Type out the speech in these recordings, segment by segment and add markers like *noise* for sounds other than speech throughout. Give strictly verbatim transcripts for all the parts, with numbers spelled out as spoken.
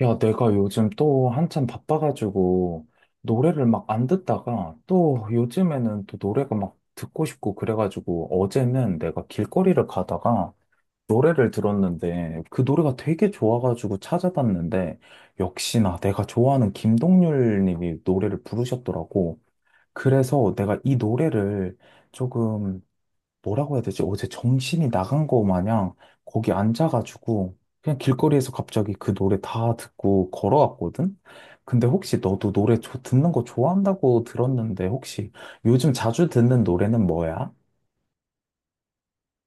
야, 내가 요즘 또 한참 바빠가지고 노래를 막 안 듣다가 또 요즘에는 또 노래가 막 듣고 싶고 그래가지고 어제는 내가 길거리를 가다가 노래를 들었는데 그 노래가 되게 좋아가지고 찾아봤는데 역시나 내가 좋아하는 김동률 님이 노래를 부르셨더라고. 그래서 내가 이 노래를 조금 뭐라고 해야 되지? 어제 정신이 나간 거 마냥 거기 앉아가지고 그냥 길거리에서 갑자기 그 노래 다 듣고 걸어왔거든? 근데 혹시 너도 노래 조- 듣는 거 좋아한다고 들었는데 혹시 요즘 자주 듣는 노래는 뭐야?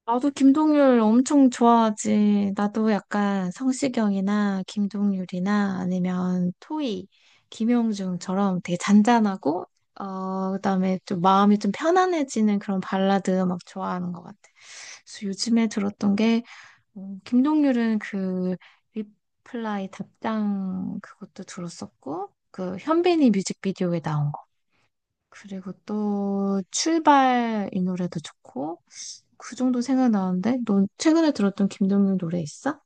나도 김동률 엄청 좋아하지. 나도 약간 성시경이나 김동률이나 아니면 토이, 김영중처럼 되게 잔잔하고, 어, 그다음에 좀 마음이 좀 편안해지는 그런 발라드 막 좋아하는 것 같아. 그래서 요즘에 들었던 게, 어, 김동률은 그 리플라이 답장 그것도 들었었고, 그 현빈이 뮤직비디오에 나온 거. 그리고 또 출발 이 노래도 좋고, 그 정도 생각나는데? 넌 최근에 들었던 김동률 노래 있어?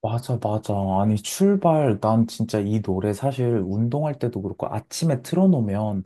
맞아, 맞아. 아니, 출발. 난 진짜 이 노래 사실 운동할 때도 그렇고 아침에 틀어놓으면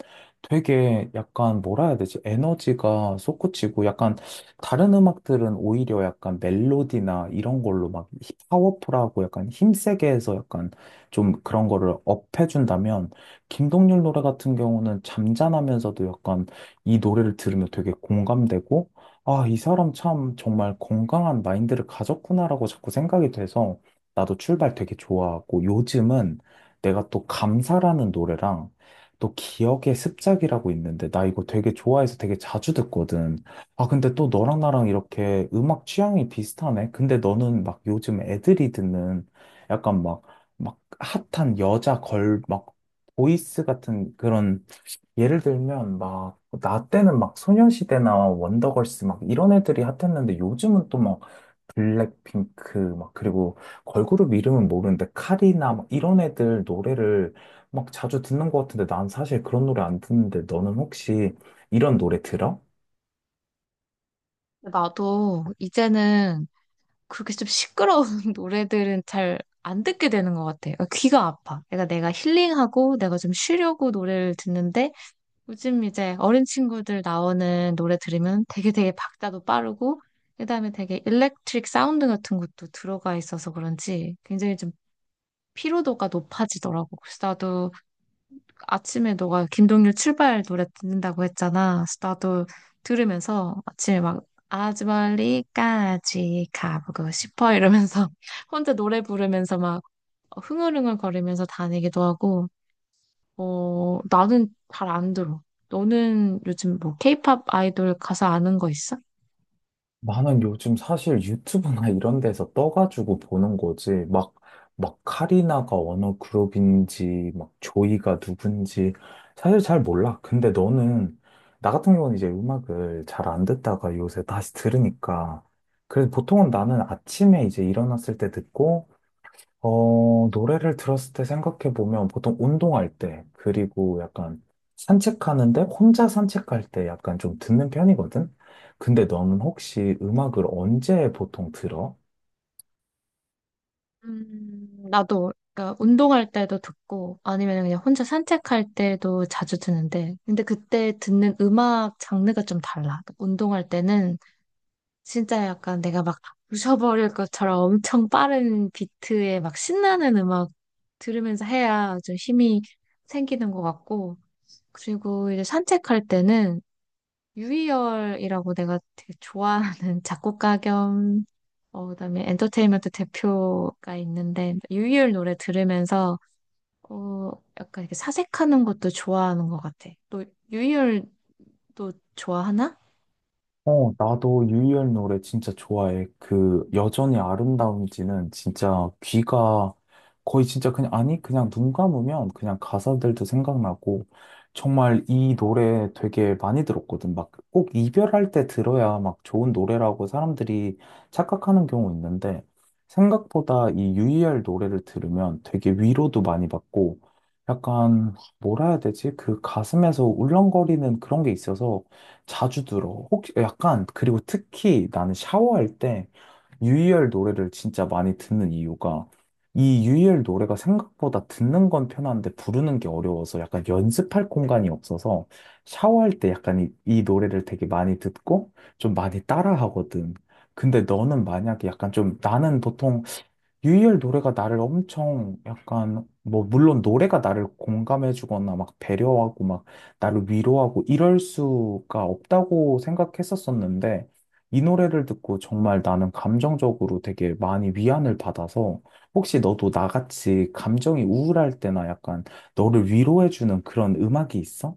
되게 약간 뭐라 해야 되지? 에너지가 솟구치고 약간 다른 음악들은 오히려 약간 멜로디나 이런 걸로 막 히- 파워풀하고 약간 힘세게 해서 약간 좀 그런 거를 업해준다면 김동률 노래 같은 경우는 잠잠하면서도 약간 이 노래를 들으면 되게 공감되고 아, 이 사람 참 정말 건강한 마인드를 가졌구나라고 자꾸 생각이 돼서 나도 출발 되게 좋아하고 요즘은 내가 또 감사라는 노래랑 또 기억의 습작이라고 있는데 나 이거 되게 좋아해서 되게 자주 듣거든. 아, 근데 또 너랑 나랑 이렇게 음악 취향이 비슷하네. 근데 너는 막 요즘 애들이 듣는 약간 막, 막 핫한 여자 걸, 막 보이스 같은 그런 예를 들면 막 나 때는 막 소녀시대나 원더걸스 막 이런 애들이 핫했는데 요즘은 블랙핑크, 막, 그리고 걸그룹 이름은 모르는데, 카리나, 막 이런 애들 노래를 막 자주 듣는 것 같은데, 난 사실 그런 노래 안 듣는데, 너는 혹시 이런 노래 들어? 나도 이제는 그렇게 좀 시끄러운 *laughs* 노래들은 잘 안 듣게 되는 것 같아. 그러니까 귀가 아파. 그러니까 내가 힐링하고 내가 좀 쉬려고 노래를 듣는데 요즘 이제 어린 친구들 나오는 노래 들으면 되게 되게 박자도 빠르고 그다음에 되게 일렉트릭 사운드 같은 것도 들어가 있어서 그런지 굉장히 좀 피로도가 높아지더라고. 그래서 나도 아침에 너가 김동률 출발 노래 듣는다고 했잖아. 그래서 나도 들으면서 아침에 막 아주 멀리까지 가보고 싶어 이러면서 *laughs* 혼자 노래 부르면서 막 흥얼흥얼 거리면서 다니기도 하고, 어, 나는 잘 안 들어. 너는 요즘 뭐 케이팝 아이돌 가사 아는 거 있어? 나는 요즘 사실 유튜브나 이런 데서 떠가지고 보는 거지. 막, 막 카리나가 어느 그룹인지, 막 조이가 누군지, 사실 잘 몰라. 근데 너는, 나 같은 경우는 이제 음악을 잘 안 듣다가 요새 다시 들으니까. 그래서 보통은 나는 아침에 이제 일어났을 때 듣고, 어, 노래를 들었을 때 생각해보면 보통 운동할 때, 그리고 약간 산책하는데 혼자 산책할 때 약간 좀 듣는 편이거든? 근데 너는 혹시 음악을 언제 보통 들어? 음, 나도 그러니까 운동할 때도 듣고 아니면 그냥 혼자 산책할 때도 자주 듣는데 근데 그때 듣는 음악 장르가 좀 달라. 그러니까 운동할 때는 진짜 약간 내가 막 부셔버릴 것처럼 엄청 빠른 비트에 막 신나는 음악 들으면서 해야 좀 힘이 생기는 것 같고 그리고 이제 산책할 때는 유희열이라고 내가 되게 좋아하는 *laughs* 작곡가 겸 어, 그다음에 엔터테인먼트 대표가 있는데 유희열 노래 들으면서 어, 약간 이렇게 사색하는 것도 좋아하는 것 같아. 너 유희열도 좋아하나? 어, 나도 유희열 노래 진짜 좋아해. 그, 여전히 아름다운지는 진짜 귀가 거의 진짜 그냥, 아니, 그냥 눈 감으면 그냥 가사들도 생각나고, 정말 이 노래 되게 많이 들었거든. 막 꼭 이별할 때 들어야 막 좋은 노래라고 사람들이 착각하는 경우 있는데, 생각보다 이 유희열 노래를 들으면 되게 위로도 많이 받고, 약간, 뭐라 해야 되지? 그 가슴에서 울렁거리는 그런 게 있어서, 자주 들어. 혹시 약간 그리고 특히 나는 샤워할 때 유희열 노래를 진짜 많이 듣는 이유가 이 유희열 노래가 생각보다 듣는 건 편한데 부르는 게 어려워서 약간 연습할 공간이 없어서 샤워할 때 약간 이, 이 노래를 되게 많이 듣고 좀 많이 따라 하거든. 근데 너는 만약에 약간 좀 나는 보통 유희열 노래가 나를 엄청 약간, 뭐, 물론 노래가 나를 공감해주거나 막 배려하고 막 나를 위로하고 이럴 수가 없다고 생각했었었는데, 이 노래를 듣고 정말 나는 감정적으로 되게 많이 위안을 받아서, 혹시 너도 나같이 감정이 우울할 때나 약간 너를 위로해주는 그런 음악이 있어?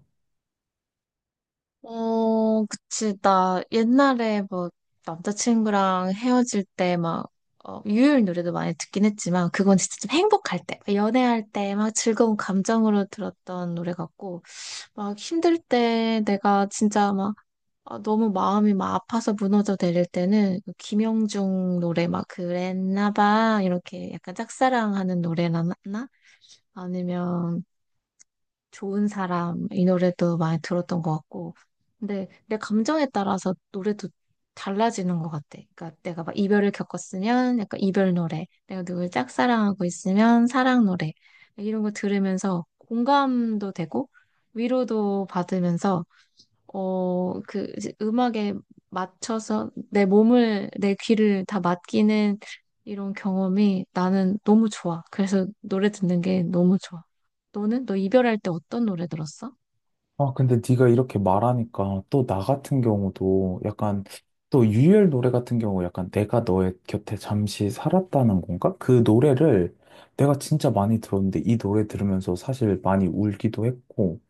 어, 그치. 나 옛날에 뭐 남자친구랑 헤어질 때 막 유희열 노래도 많이 듣긴 했지만 그건 진짜 좀 행복할 때, 연애할 때 막 즐거운 감정으로 들었던 노래 같고 막 힘들 때 내가 진짜 막 아, 너무 마음이 막 아파서 무너져 내릴 때는 그 김영중 노래 막 그랬나 봐 이렇게 약간 짝사랑하는 노래나 나? 아니면 좋은 사람 이 노래도 많이 들었던 것 같고 근데 내 감정에 따라서 노래도 달라지는 것 같아. 그러니까 내가 막 이별을 겪었으면 약간 이별 노래, 내가 누굴 짝사랑하고 있으면 사랑 노래 이런 거 들으면서 공감도 되고 위로도 받으면서 어, 그 이제 음악에 맞춰서 내 몸을, 내 귀를 다 맡기는 이런 경험이 나는 너무 좋아. 그래서 노래 듣는 게 너무 좋아. 너는? 너 이별할 때 어떤 노래 들었어? 아, 근데 네가 이렇게 말하니까 또 나 같은 경우도 약간 또 유열 노래 같은 경우 약간 내가 너의 곁에 잠시 살았다는 건가? 그 노래를 내가 진짜 많이 들었는데 이 노래 들으면서 사실 많이 울기도 했고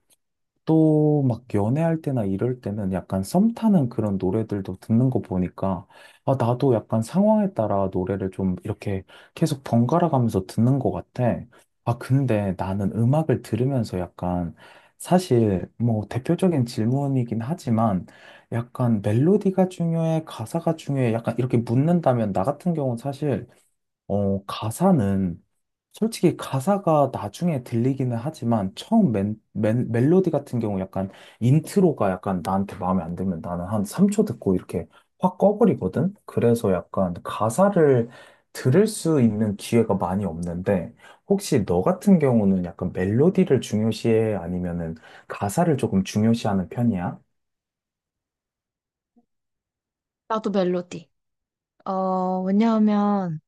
또 막 연애할 때나 이럴 때는 약간 썸 타는 그런 노래들도 듣는 거 보니까 아, 나도 약간 상황에 따라 노래를 좀 이렇게 계속 번갈아 가면서 듣는 것 같아. 아, 근데 나는 음악을 들으면서 약간 사실 뭐 대표적인 질문이긴 하지만 약간 멜로디가 중요해, 가사가 중요해, 약간 이렇게 묻는다면 나 같은 경우는 사실 어, 가사는 솔직히 가사가 나중에 들리기는 하지만 처음 맨, 맨, 멜로디 같은 경우 약간 인트로가 약간 나한테 마음에 안 들면 나는 한 삼 초 듣고 이렇게 확 꺼버리거든? 그래서 약간 가사를 들을 수 있는 기회가 많이 없는데 혹시 너 같은 경우는 약간 멜로디를 중요시해 아니면은 가사를 조금 중요시하는 편이야? 나도 멜로디. 어, 왜냐하면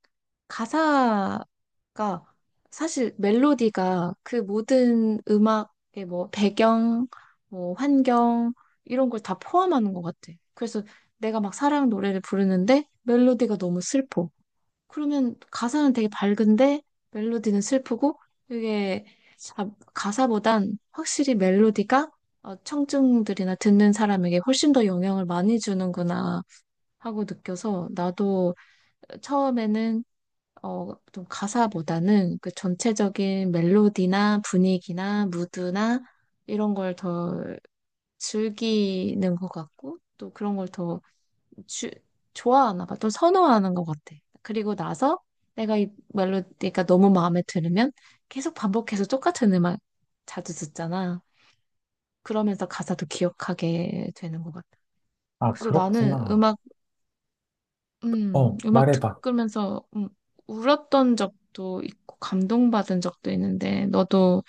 가사가 사실 멜로디가 그 모든 음악의 뭐 배경, 뭐 환경 이런 걸 다 포함하는 것 같아. 그래서 내가 막 사랑 노래를 부르는데 멜로디가 너무 슬퍼. 그러면 가사는 되게 밝은데 멜로디는 슬프고 이게 자- 가사보단 확실히 멜로디가 어, 청중들이나 듣는 사람에게 훨씬 더 영향을 많이 주는구나 하고 느껴서 나도 처음에는 어, 좀 가사보다는 그 전체적인 멜로디나 분위기나 무드나 이런 걸 더 즐기는 것 같고 또 그런 걸더 주, 좋아하나 봐. 좀 선호하는 것 같아. 그리고 나서 내가 이 멜로디가 너무 마음에 들으면 계속 반복해서 똑같은 음악 자주 듣잖아. 그러면서 가사도 기억하게 되는 것 같아. 아, 그래서 나는 그렇구나. 음악, 음, 어, 음악 말해봐. 듣으면서 음, 울었던 적도 있고 감동받은 적도 있는데 너도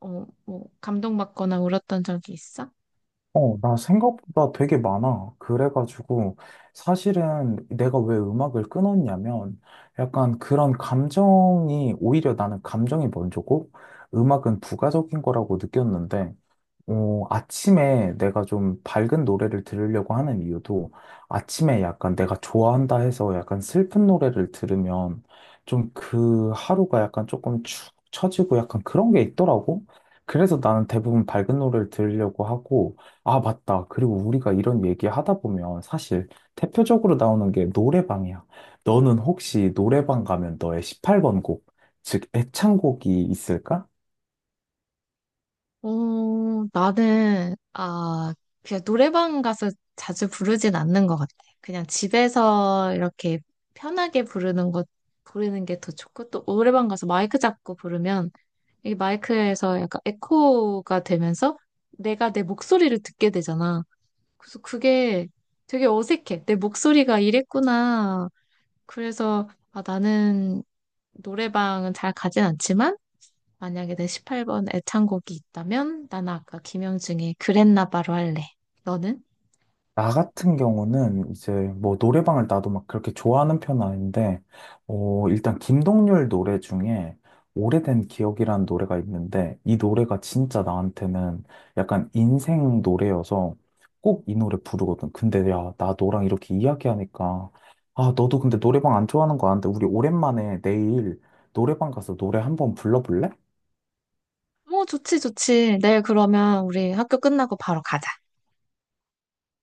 어, 뭐, 감동받거나 울었던 적이 있어? 어, 나 생각보다 되게 많아. 그래가지고, 사실은 내가 왜 음악을 끊었냐면, 약간 그런 감정이, 오히려 나는 감정이 먼저고, 음악은 부가적인 거라고 느꼈는데, 어, 아침에 내가 좀 밝은 노래를 들으려고 하는 이유도 아침에 약간 내가 좋아한다 해서 약간 슬픈 노래를 들으면 좀 그 하루가 약간 조금 축 처지고 약간 그런 게 있더라고. 그래서 나는 대부분 밝은 노래를 들으려고 하고, 아, 맞다. 그리고 우리가 이런 얘기 하다 보면 사실 대표적으로 나오는 게 노래방이야. 너는 혹시 노래방 가면 너의 십팔 번 곡, 즉 애창곡이 있을까? 어, 나는, 아, 그냥 노래방 가서 자주 부르진 않는 것 같아. 그냥 집에서 이렇게 편하게 부르는 것, 부르는 게 더 좋고, 또 노래방 가서 마이크 잡고 부르면 이 마이크에서 약간 에코가 되면서 내가 내 목소리를 듣게 되잖아. 그래서 그게 되게 어색해. 내 목소리가 이랬구나. 그래서 아, 나는 노래방은 잘 가진 않지만 만약에 내 십팔 번 애창곡이 있다면 나는 아까 김영중의 그랬나 바로 할래. 너는? 나 같은 경우는 이제 뭐 노래방을 나도 막 그렇게 좋아하는 편은 아닌데, 어, 일단 김동률 노래 중에 오래된 기억이라는 노래가 있는데, 이 노래가 진짜 나한테는 약간 인생 노래여서 꼭 이 노래 부르거든. 근데 야, 나 너랑 이렇게 이야기하니까, 아, 너도 근데 노래방 안 좋아하는 거 아는데, 우리 오랜만에 내일 노래방 가서 노래 한번 불러볼래? 어, 좋지, 좋지. 내일 그러면 우리 학교 끝나고 바로 가자.